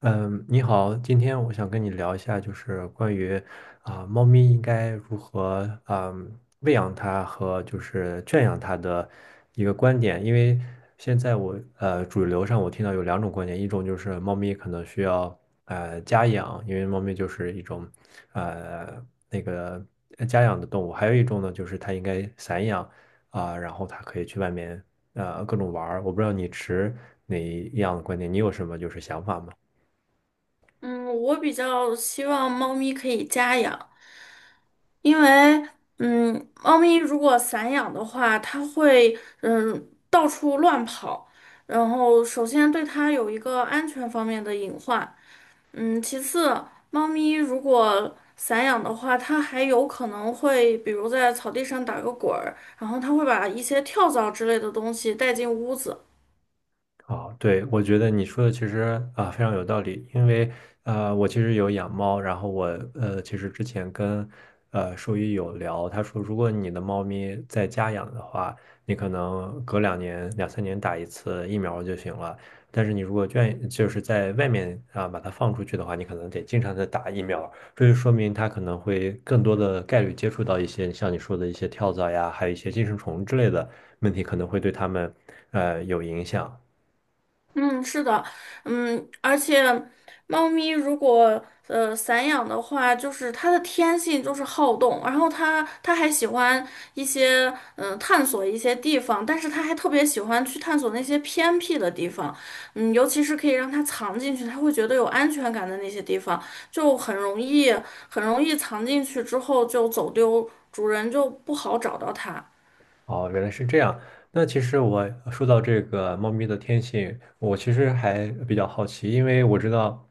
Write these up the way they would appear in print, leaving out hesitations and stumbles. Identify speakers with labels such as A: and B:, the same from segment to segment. A: 嗯，你好，今天我想跟你聊一下，就是关于猫咪应该如何喂养它和就是圈养它的一个观点。因为现在我主流上我听到有两种观点，一种就是猫咪可能需要家养，因为猫咪就是一种呃那个家养的动物；还有一种呢，就是它应该散养然后它可以去外面各种玩儿。我不知道你持哪一样的观点，你有什么就是想法吗？
B: 嗯，我比较希望猫咪可以家养，因为猫咪如果散养的话，它会到处乱跑，然后首先对它有一个安全方面的隐患。嗯，其次，猫咪如果散养的话，它还有可能会，比如在草地上打个滚儿，然后它会把一些跳蚤之类的东西带进屋子。
A: 哦，对，我觉得你说的其实非常有道理，因为我其实有养猫，然后我其实之前跟兽医有聊，他说如果你的猫咪在家养的话，你可能隔两年两三年打一次疫苗就行了，但是你如果愿就是在外面把它放出去的话，你可能得经常的打疫苗，这就说明它可能会更多的概率接触到一些像你说的一些跳蚤呀，还有一些寄生虫之类的问题，可能会对它们有影响。
B: 嗯，是的，嗯，而且猫咪如果散养的话，就是它的天性就是好动，然后它还喜欢一些探索一些地方，但是它还特别喜欢去探索那些偏僻的地方，嗯，尤其是可以让它藏进去，它会觉得有安全感的那些地方，就很容易很容易藏进去之后就走丢，主人就不好找到它。
A: 哦，原来是这样。那其实我说到这个猫咪的天性，我其实还比较好奇，因为我知道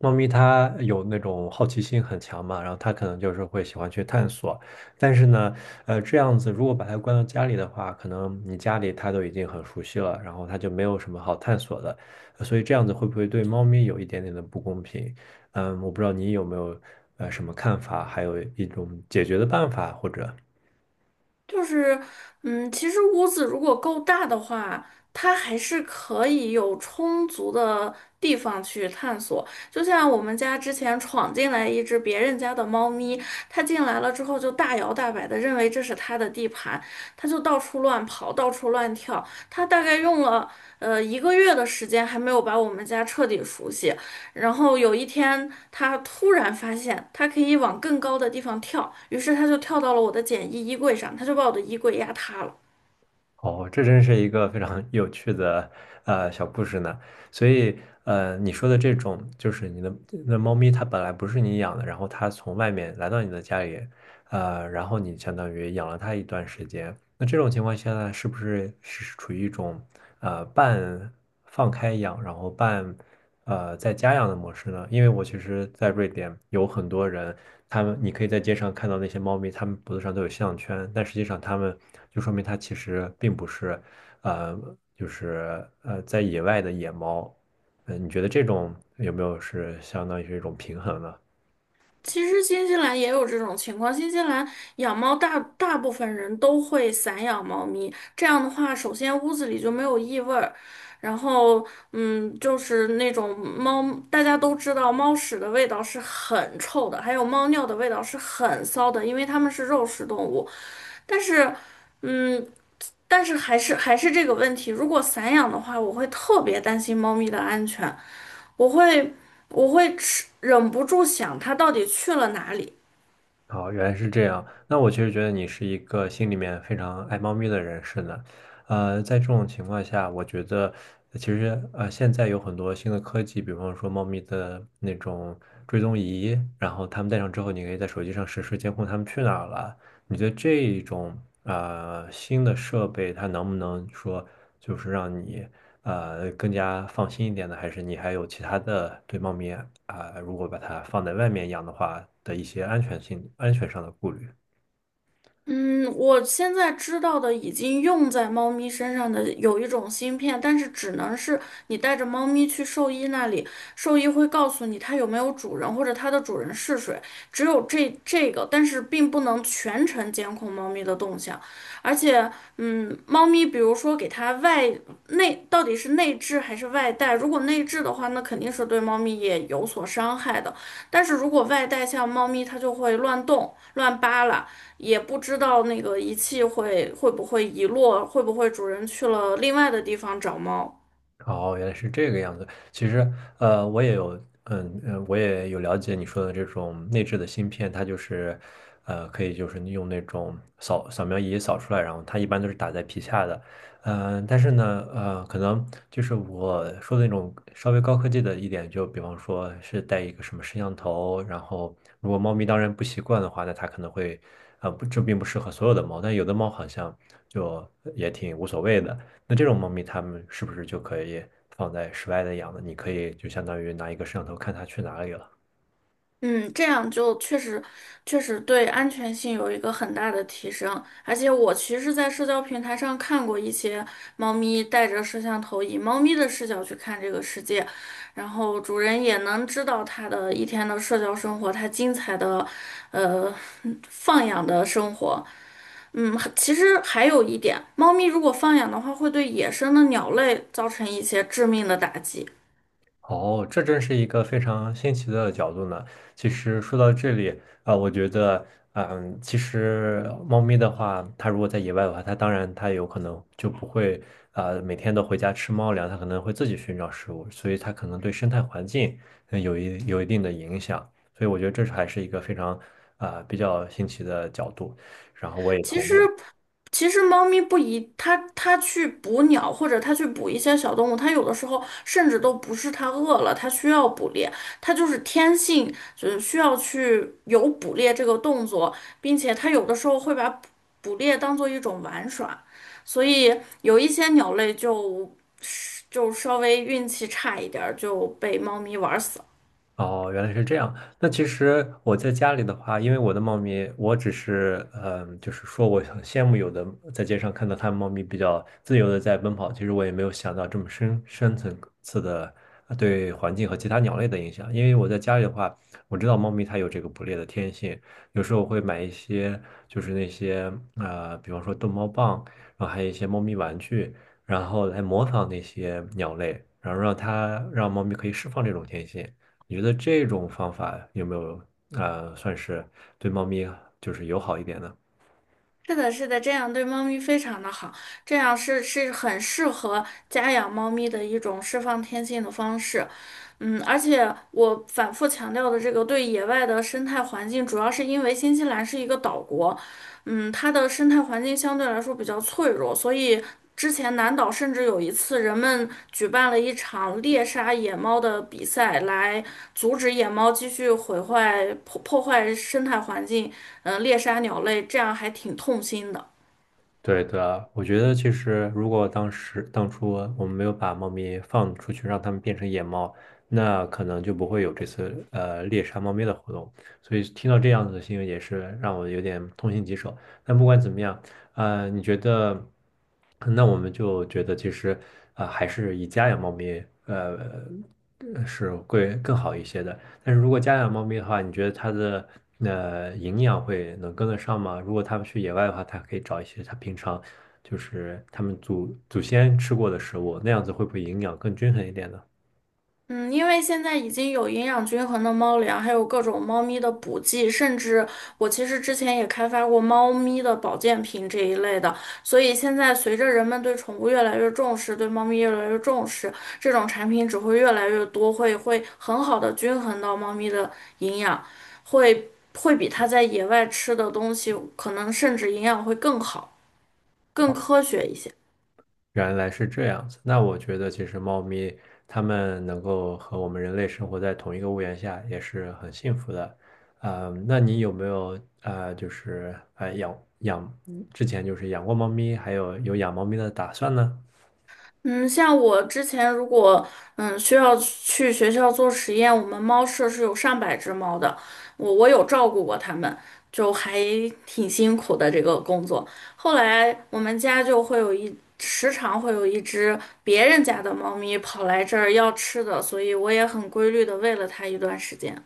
A: 猫咪它有那种好奇心很强嘛，然后它可能就是会喜欢去探索。但是呢，这样子如果把它关到家里的话，可能你家里它都已经很熟悉了，然后它就没有什么好探索的，所以这样子会不会对猫咪有一点点的不公平？嗯，我不知道你有没有什么看法，还有一种解决的办法或者。
B: 就是，嗯，其实屋子如果够大的话，它还是可以有充足的地方去探索。就像我们家之前闯进来一只别人家的猫咪，它进来了之后就大摇大摆的认为这是它的地盘，它就到处乱跑，到处乱跳。它大概用了一个月的时间还没有把我们家彻底熟悉，然后有一天，他突然发现他可以往更高的地方跳，于是他就跳到了我的简易衣柜上，他就把我的衣柜压塌了。
A: 哦，这真是一个非常有趣的小故事呢。所以你说的这种就是你的那猫咪，它本来不是你养的，然后它从外面来到你的家里，然后你相当于养了它一段时间。那这种情况下呢，是不是是处于一种半放开养，然后半在家养的模式呢？因为我其实，在瑞典有很多人，他们你可以在街上看到那些猫咪，它们脖子上都有项圈，但实际上它们就说明它其实并不是，呃，就是在野外的野猫。嗯，你觉得这种有没有是相当于是一种平衡呢？
B: 其实新西兰也有这种情况，新西兰养猫大部分人都会散养猫咪，这样的话，首先屋子里就没有异味儿，然后就是那种猫，大家都知道猫屎的味道是很臭的，还有猫尿的味道是很骚的，因为它们是肉食动物，但是。嗯，但是还是这个问题，如果散养的话，我会特别担心猫咪的安全，我会我会吃，忍不住想它到底去了哪里。
A: 哦，原来是这样。那我其实觉得你是一个心里面非常爱猫咪的人士呢。在这种情况下，我觉得其实现在有很多新的科技，比方说猫咪的那种追踪仪，然后他们戴上之后，你可以在手机上实时监控他们去哪儿了。你觉得这种新的设备，它能不能说就是让你？更加放心一点的，还是你还有其他的对猫咪如果把它放在外面养的话的一些安全性安全上的顾虑？
B: 嗯，我现在知道的已经用在猫咪身上的有一种芯片，但是只能是你带着猫咪去兽医那里，兽医会告诉你它有没有主人或者它的主人是谁，只有这个，但是并不能全程监控猫咪的动向。而且，嗯，猫咪比如说给它外内到底是内置还是外带，如果内置的话，那肯定是对猫咪也有所伤害的。但是如果外带，像猫咪它就会乱动、乱扒拉。也不知道那个仪器会不会遗落，会不会主人去了另外的地方找猫。
A: 哦，原来是这个样子。其实，我也有，嗯嗯，我也有了解你说的这种内置的芯片，它就是，可以就是用那种扫扫描仪扫出来，然后它一般都是打在皮下的。但是呢，可能就是我说的那种稍微高科技的一点，就比方说是带一个什么摄像头，然后如果猫咪当然不习惯的话，那它可能会，不，这并不适合所有的猫，但有的猫好像就也挺无所谓的。那这种猫咪，它们是不是就可以放在室外的养呢？你可以就相当于拿一个摄像头看它去哪里了。
B: 嗯，这样就确实对安全性有一个很大的提升。而且我其实，在社交平台上看过一些猫咪带着摄像头，以猫咪的视角去看这个世界，然后主人也能知道它的一天的社交生活，它精彩的，呃，放养的生活。嗯，其实还有一点，猫咪如果放养的话，会对野生的鸟类造成一些致命的打击。
A: 哦，这真是一个非常新奇的角度呢。其实说到这里啊，我觉得，嗯，其实猫咪的话，它如果在野外的话，它当然它有可能就不会每天都回家吃猫粮，它可能会自己寻找食物，所以它可能对生态环境有一有一定的影响。所以我觉得这是还是一个非常比较新奇的角度。然后我也
B: 其
A: 同
B: 实，
A: 意。
B: 其实猫咪不一，它去捕鸟或者它去捕一些小动物，它有的时候甚至都不是它饿了，它需要捕猎，它就是天性，就是需要去有捕猎这个动作，并且它有的时候会把捕猎当做一种玩耍，所以有一些鸟类就稍微运气差一点儿就被猫咪玩死了。
A: 哦，原来是这样。那其实我在家里的话，因为我的猫咪，我只是嗯，就是说我很羡慕有的在街上看到它们猫咪比较自由的在奔跑，其实我也没有想到这么深深层次的对环境和其他鸟类的影响。因为我在家里的话，我知道猫咪它有这个捕猎的天性，有时候我会买一些就是那些比方说逗猫棒，然后还有一些猫咪玩具，然后来模仿那些鸟类，然后让它让猫咪可以释放这种天性。你觉得这种方法有没有算是对猫咪就是友好一点呢？
B: 是的，是的，这样对猫咪非常的好，这样是很适合家养猫咪的一种释放天性的方式。嗯，而且我反复强调的这个对野外的生态环境，主要是因为新西兰是一个岛国，嗯，它的生态环境相对来说比较脆弱，所以之前南岛甚至有一次，人们举办了一场猎杀野猫的比赛，来阻止野猫继续毁坏、破坏生态环境，猎杀鸟类，这样还挺痛心的。
A: 对的，我觉得其实如果当时当初我们没有把猫咪放出去，让它们变成野猫，那可能就不会有这次猎杀猫咪的活动。所以听到这样子的新闻也是让我有点痛心疾首。但不管怎么样，你觉得，那我们就觉得其实还是以家养猫咪是会更好一些的。但是如果家养猫咪的话，你觉得它的营养会能跟得上吗？如果它们去野外的话，它可以找一些它平常就是它们祖祖先吃过的食物，那样子会不会营养更均衡一点呢？
B: 嗯，因为现在已经有营养均衡的猫粮，还有各种猫咪的补剂，甚至我其实之前也开发过猫咪的保健品这一类的。所以现在随着人们对宠物越来越重视，对猫咪越来越重视，这种产品只会越来越多，会很好的均衡到猫咪的营养，会会比它在野外吃的东西可能甚至营养会更好，更
A: 好，
B: 科学一些。
A: 原来是这样子。那我觉得其实猫咪它们能够和我们人类生活在同一个屋檐下，也是很幸福的。嗯，那你有没有就是养养之前就是养过猫咪，还有有养猫咪的打算呢？
B: 嗯，像我之前如果需要去学校做实验，我们猫舍是有上百只猫的，我有照顾过它们，就还挺辛苦的这个工作。后来我们家就会有一时常会有一只别人家的猫咪跑来这儿要吃的，所以我也很规律的喂了它一段时间。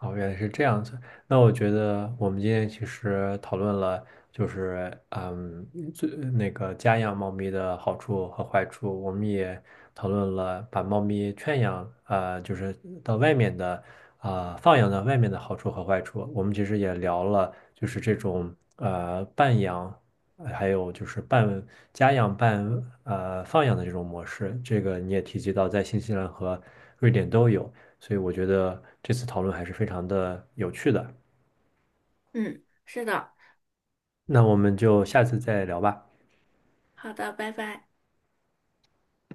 A: 哦，原来是这样子。那我觉得我们今天其实讨论了，就是嗯，最那个家养猫咪的好处和坏处。我们也讨论了把猫咪圈养，就是到外面的，放养到外面的好处和坏处。我们其实也聊了，就是这种半养，还有就是半家养半放养的这种模式。这个你也提及到，在新西兰和瑞典都有。所以我觉得这次讨论还是非常的有趣的。
B: 嗯，是的，
A: 那我们就下次再聊吧。
B: 好的，拜拜。